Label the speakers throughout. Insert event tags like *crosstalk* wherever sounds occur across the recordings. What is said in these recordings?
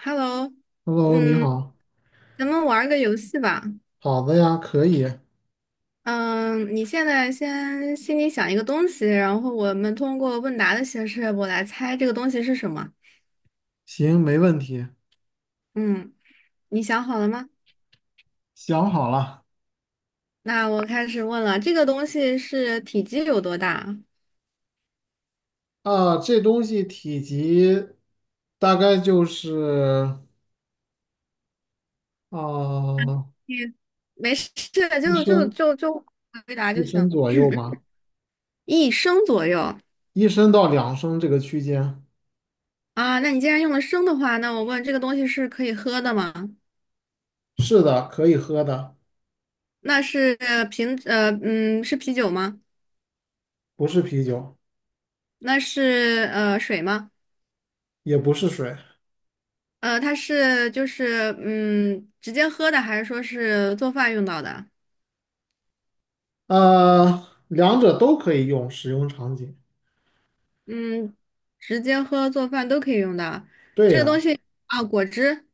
Speaker 1: Hello，
Speaker 2: Hello，你
Speaker 1: 嗯，
Speaker 2: 好。
Speaker 1: 咱们玩儿个游戏吧。
Speaker 2: 好的呀，可以。
Speaker 1: 嗯，你现在先心里想一个东西，然后我们通过问答的形式，我来猜这个东西是什么。
Speaker 2: 行，没问题。
Speaker 1: 嗯，你想好了吗？
Speaker 2: 想好了。
Speaker 1: 那我开始问了，这个东西是体积有多大？
Speaker 2: 这东西体积大概就是啊
Speaker 1: 你没事，就
Speaker 2: 一
Speaker 1: 就
Speaker 2: 升
Speaker 1: 就就回答就
Speaker 2: 一升
Speaker 1: 行。
Speaker 2: 左右吧，
Speaker 1: 一升左右。
Speaker 2: 一升到两升这个区间。
Speaker 1: 啊，那你既然用了升的话，那我问这个东西是可以喝的吗？
Speaker 2: 是的，可以喝的。
Speaker 1: 那是呃瓶，呃，嗯，是啤酒吗？
Speaker 2: 不是啤酒。
Speaker 1: 那是水吗？
Speaker 2: 也不是水。
Speaker 1: 它是直接喝的，还是说是做饭用到的？
Speaker 2: 两者都可以用，使用场景。
Speaker 1: 嗯，直接喝做饭都可以用到
Speaker 2: 对呀，
Speaker 1: 啊。果汁、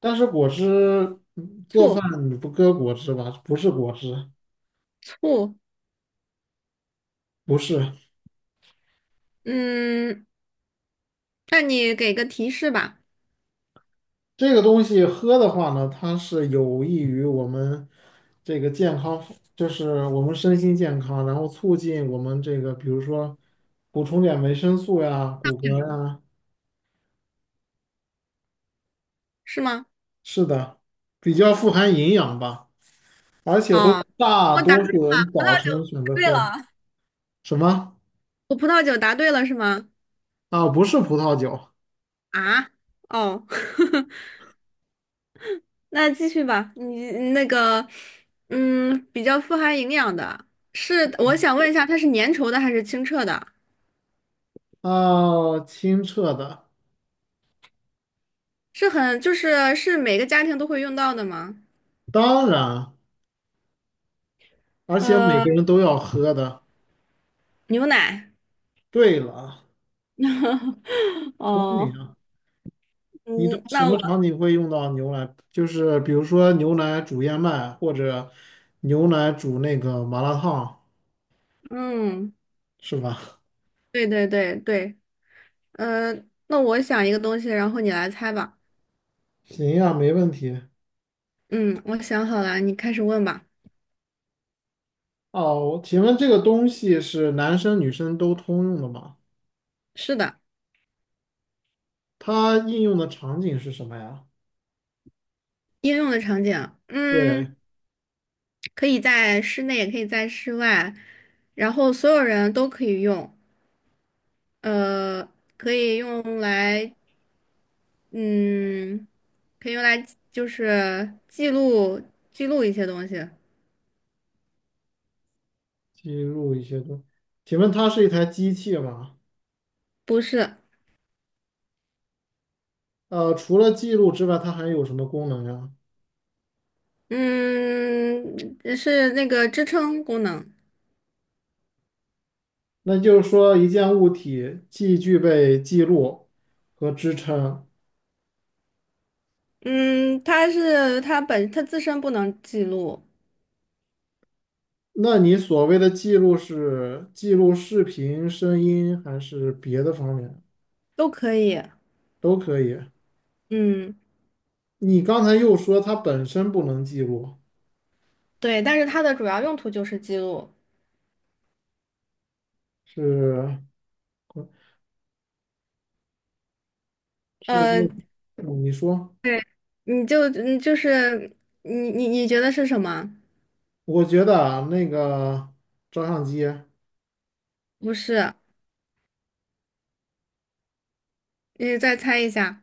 Speaker 2: 但是果汁做饭
Speaker 1: 醋、
Speaker 2: 你不搁果汁吧？不是果汁，
Speaker 1: 醋，
Speaker 2: 不是。
Speaker 1: 嗯，那你给个提示吧，
Speaker 2: 这个东西喝的话呢，它是有益于我们这个健康，就是我们身心健康，然后促进我们这个，比如说补充点维生素呀、骨骼呀。
Speaker 1: 是吗？
Speaker 2: 是的，比较富含营养吧，而且都
Speaker 1: 哦，
Speaker 2: 大
Speaker 1: 我答
Speaker 2: 多
Speaker 1: 对葡
Speaker 2: 数人早
Speaker 1: 萄酒
Speaker 2: 晨选
Speaker 1: 答
Speaker 2: 择
Speaker 1: 对
Speaker 2: 喝。
Speaker 1: 了，
Speaker 2: 什么
Speaker 1: 我葡萄酒答对了是吗？
Speaker 2: 啊？不是葡萄酒。
Speaker 1: 啊，哦，*laughs* 那继续吧，你那个比较富含营养的。是，我想问一下，它是粘稠的还是清澈的？
Speaker 2: 啊，清澈的。
Speaker 1: 是很，就是是每个家庭都会用到的吗？
Speaker 2: 当然，而且每
Speaker 1: 呃，
Speaker 2: 个人都要喝的。
Speaker 1: 牛奶。
Speaker 2: 对了，
Speaker 1: *laughs*
Speaker 2: 聪明
Speaker 1: 哦，
Speaker 2: 啊。你知道
Speaker 1: 嗯，
Speaker 2: 什
Speaker 1: 那我
Speaker 2: 么场景会用到牛奶？就是比如说牛奶煮燕麦，或者牛奶煮那个麻辣烫，
Speaker 1: *laughs*，嗯，
Speaker 2: 是吧？
Speaker 1: 对，呃，那我想一个东西，然后你来猜吧。
Speaker 2: *laughs* 行呀，没问题。
Speaker 1: 嗯，我想好了，你开始问吧。
Speaker 2: 哦，请问这个东西是男生女生都通用的吗？
Speaker 1: 是的。
Speaker 2: 它应用的场景是什么呀？
Speaker 1: 应用的场景，嗯，
Speaker 2: 对。
Speaker 1: 可以在室内，也可以在室外，然后所有人都可以用，呃，可以用来嗯，可以用来就是记录，记录一些东西。
Speaker 2: 记录一些东。请问它是一台机器吗？
Speaker 1: 不是。
Speaker 2: 呃，除了记录之外，它还有什么功能呀？
Speaker 1: 嗯，是那个支撑功能。
Speaker 2: 那就是说，一件物体既具备记录和支撑。
Speaker 1: 嗯，它是它本它自身不能记录。
Speaker 2: 那你所谓的记录是记录视频、声音还是别的方面
Speaker 1: 都可以。
Speaker 2: 都可以？
Speaker 1: 嗯，
Speaker 2: 你刚才又说它本身不能记录。
Speaker 1: 对，但是它的主要用途就是记录。
Speaker 2: 是是那，
Speaker 1: 呃，
Speaker 2: 嗯你说，
Speaker 1: 你就嗯就是你觉得是什么？
Speaker 2: 我觉得啊，那个照相机。
Speaker 1: 不是，你再猜一下。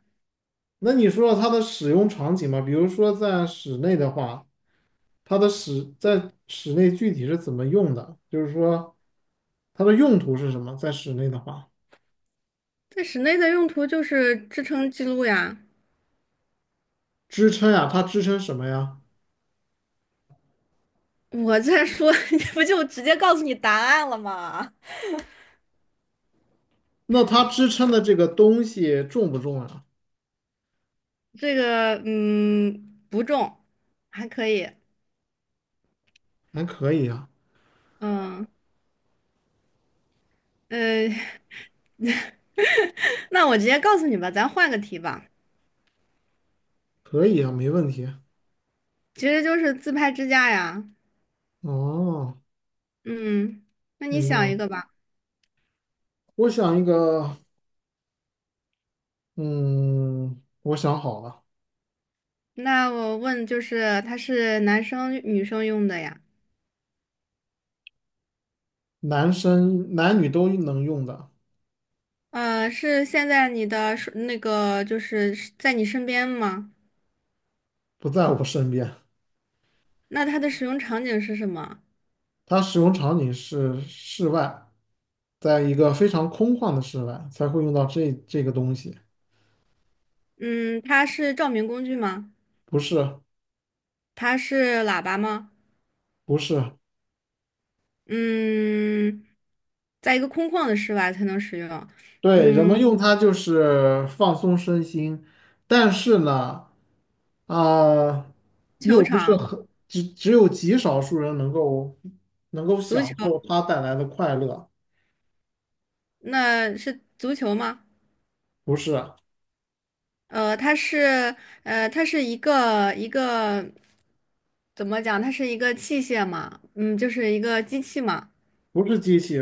Speaker 2: 那你说它的使用场景吧，比如说在室内的话，它的使在室内具体是怎么用的？就是说它的用途是什么？在室内的话，
Speaker 1: 在室内的用途就是支撑记录呀。
Speaker 2: 支撑呀，它支撑什么呀？
Speaker 1: 我在说，*laughs* 这不就直接告诉你答案了吗？
Speaker 2: 那它支撑的这个东西重不重啊？
Speaker 1: 这个，嗯，不重，还可以。
Speaker 2: 还可以啊。
Speaker 1: 嗯，呃，*laughs* 那我直接告诉你吧，咱换个题吧，
Speaker 2: 可以啊，没问题。
Speaker 1: 其实就是自拍支架呀。
Speaker 2: 哦，
Speaker 1: 嗯，那你
Speaker 2: 明白
Speaker 1: 想一
Speaker 2: 了。
Speaker 1: 个吧。
Speaker 2: 我想一个，嗯，我想好了。
Speaker 1: 那我问，就是它是男生女生用的呀？
Speaker 2: 男生男女都能用的。
Speaker 1: 是现在你的手那个是在你身边吗？
Speaker 2: 不在我身边。
Speaker 1: 那它的使用场景是什么？
Speaker 2: 它使用场景是室外，在一个非常空旷的室外才会用到这个东西。
Speaker 1: 嗯，它是照明工具吗？
Speaker 2: 不是，
Speaker 1: 它是喇叭吗？
Speaker 2: 不是。
Speaker 1: 嗯，在一个空旷的室外才能使用。
Speaker 2: 对，人们
Speaker 1: 嗯，
Speaker 2: 用它就是放松身心，但是呢，啊、
Speaker 1: 球
Speaker 2: 又不是
Speaker 1: 场，
Speaker 2: 很，只有极少数人能够
Speaker 1: 足
Speaker 2: 享
Speaker 1: 球，
Speaker 2: 受它带来的快乐。
Speaker 1: 那是足球吗？
Speaker 2: 不是
Speaker 1: 呃，它是它是一个怎么讲？它是一个器械嘛，嗯，就是一个机器嘛。
Speaker 2: 不是机器。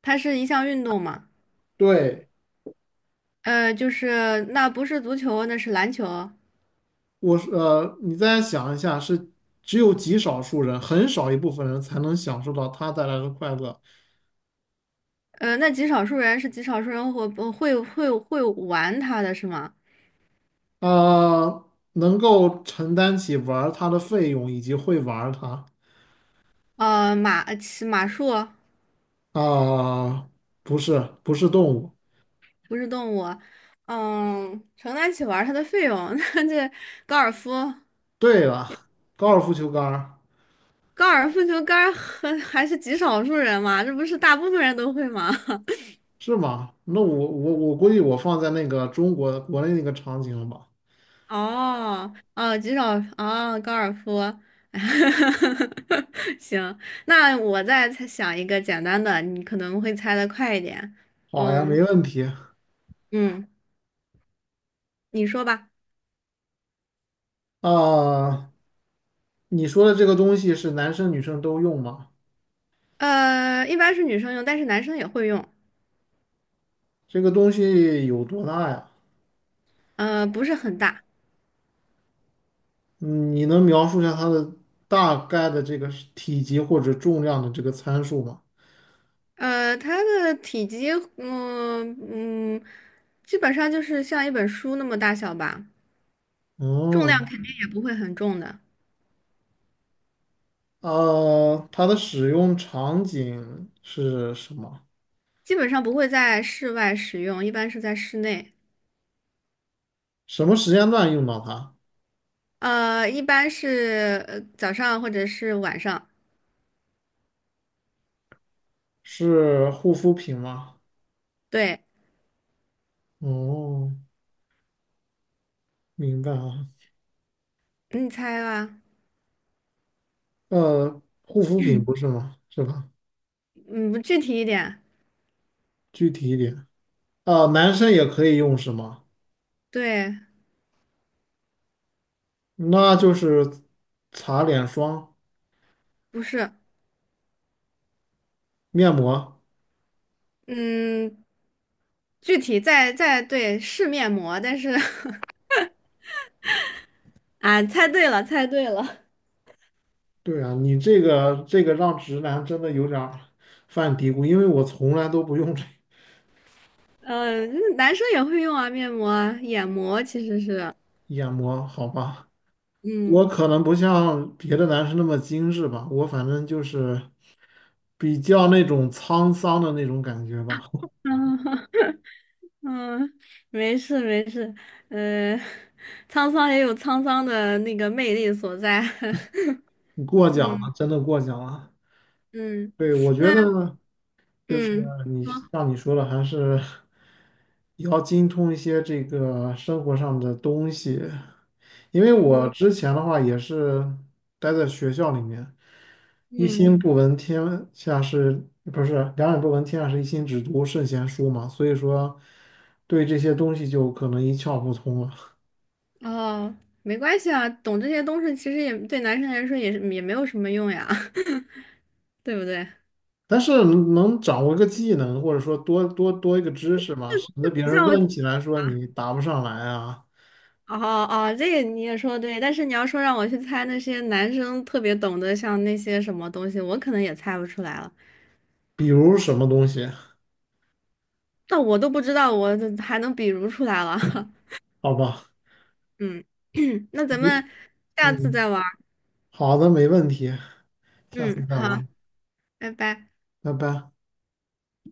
Speaker 1: 它是一项运动嘛。
Speaker 2: 对，
Speaker 1: 呃，就是那不是足球，那是篮球。
Speaker 2: 你再想一下，是只有极少数人，很少一部分人才能享受到它带来的快乐。
Speaker 1: 呃，那极少数人是极少数人会玩它的是吗？
Speaker 2: 呃，能够承担起玩儿它的费用以及会玩儿它。
Speaker 1: 呃，骑马术。
Speaker 2: 啊，不是，不是动物。
Speaker 1: 不是动物，嗯，承担起玩儿它的费用。*laughs* 那这高尔夫，
Speaker 2: 对了，高尔夫球杆儿
Speaker 1: 高尔夫球杆儿很 *laughs* 还是极少数人嘛，这不是大部分人都会吗？
Speaker 2: 是吗？那我估计我放在那个中国国内那个场景了吧？
Speaker 1: *laughs* 哦，极少哦，高尔夫。*laughs* 行，那我再猜想一个简单的，你可能会猜的快一点。
Speaker 2: 好呀，没
Speaker 1: 嗯
Speaker 2: 问题。
Speaker 1: 嗯，你说吧。
Speaker 2: 啊，你说的这个东西是男生女生都用吗？
Speaker 1: 呃，一般是女生用，但是男生也会用。
Speaker 2: 这个东西有多大呀？
Speaker 1: 呃，不是很大。
Speaker 2: 嗯你能描述一下它的大概的这个是体积或者重量的这个参数吗？
Speaker 1: 呃，它的体积，嗯嗯，基本上就是像一本书那么大小吧，重量
Speaker 2: 嗯。
Speaker 1: 肯定也不会很重的。
Speaker 2: 呃，它的使用场景是什么？
Speaker 1: 基本上不会在室外使用，一般是在室内。
Speaker 2: 什么时间段用到它？
Speaker 1: 呃，一般是早上或者是晚上。
Speaker 2: 是护肤品吗？
Speaker 1: 对，
Speaker 2: 哦，明白啊。
Speaker 1: 你猜吧。
Speaker 2: 呃，护肤品不是吗？是吧？
Speaker 1: 嗯，不具体一点。
Speaker 2: 具体一点。啊，男生也可以用是吗？
Speaker 1: 对，
Speaker 2: 那就是擦脸霜、
Speaker 1: 不是。
Speaker 2: 面膜。
Speaker 1: 嗯，具体在是面膜，但是 *laughs* 啊，猜对了，猜对了。
Speaker 2: 对啊，你这个这个让直男真的有点儿犯嘀咕，因为我从来都不用这。
Speaker 1: 男生也会用啊，面膜啊，眼膜其实是。
Speaker 2: 眼膜，好吧？我
Speaker 1: 嗯，
Speaker 2: 可能不像别的男生那么精致吧，我反正就是比较那种沧桑的那种感觉吧。*laughs*
Speaker 1: *laughs* 嗯，没事，呃，沧桑也有沧桑的那个魅力所在。
Speaker 2: 你过
Speaker 1: *laughs*
Speaker 2: 奖
Speaker 1: 嗯
Speaker 2: 了，真的过奖了。
Speaker 1: 嗯，
Speaker 2: 对，我觉
Speaker 1: 那
Speaker 2: 得就是
Speaker 1: 嗯，说
Speaker 2: 像你说的，还是要精通一些这个生活上的东西。因为我
Speaker 1: 嗯
Speaker 2: 之前的话也是待在学校里面，一
Speaker 1: 嗯，
Speaker 2: 心不闻天下事，不是两眼不闻天下事，一心只读圣贤书嘛，所以说对这些东西就可能一窍不通了。
Speaker 1: 哦，没关系啊，懂这些东西其实也对男生来说也是也没有什么用呀。*laughs* 对不对？
Speaker 2: 但是能掌握一个技能，或者说多一个知识嘛，省得别人
Speaker 1: 像
Speaker 2: 问起来说你答不上来啊。
Speaker 1: 哦哦，这个你也说得对，但是你要说让我去猜那些男生特别懂得像那些什么东西，我可能也猜不出来了。
Speaker 2: 比如什么东西？
Speaker 1: 那我都不知道，我还能比如出来了。*laughs*
Speaker 2: 好吧。
Speaker 1: 嗯，*clears throat* 那咱
Speaker 2: 你
Speaker 1: 们下次
Speaker 2: 嗯，
Speaker 1: 再玩儿。
Speaker 2: 好的，没问题，下次
Speaker 1: 嗯，
Speaker 2: 再
Speaker 1: 好，
Speaker 2: 玩，
Speaker 1: 拜拜。
Speaker 2: 拜拜。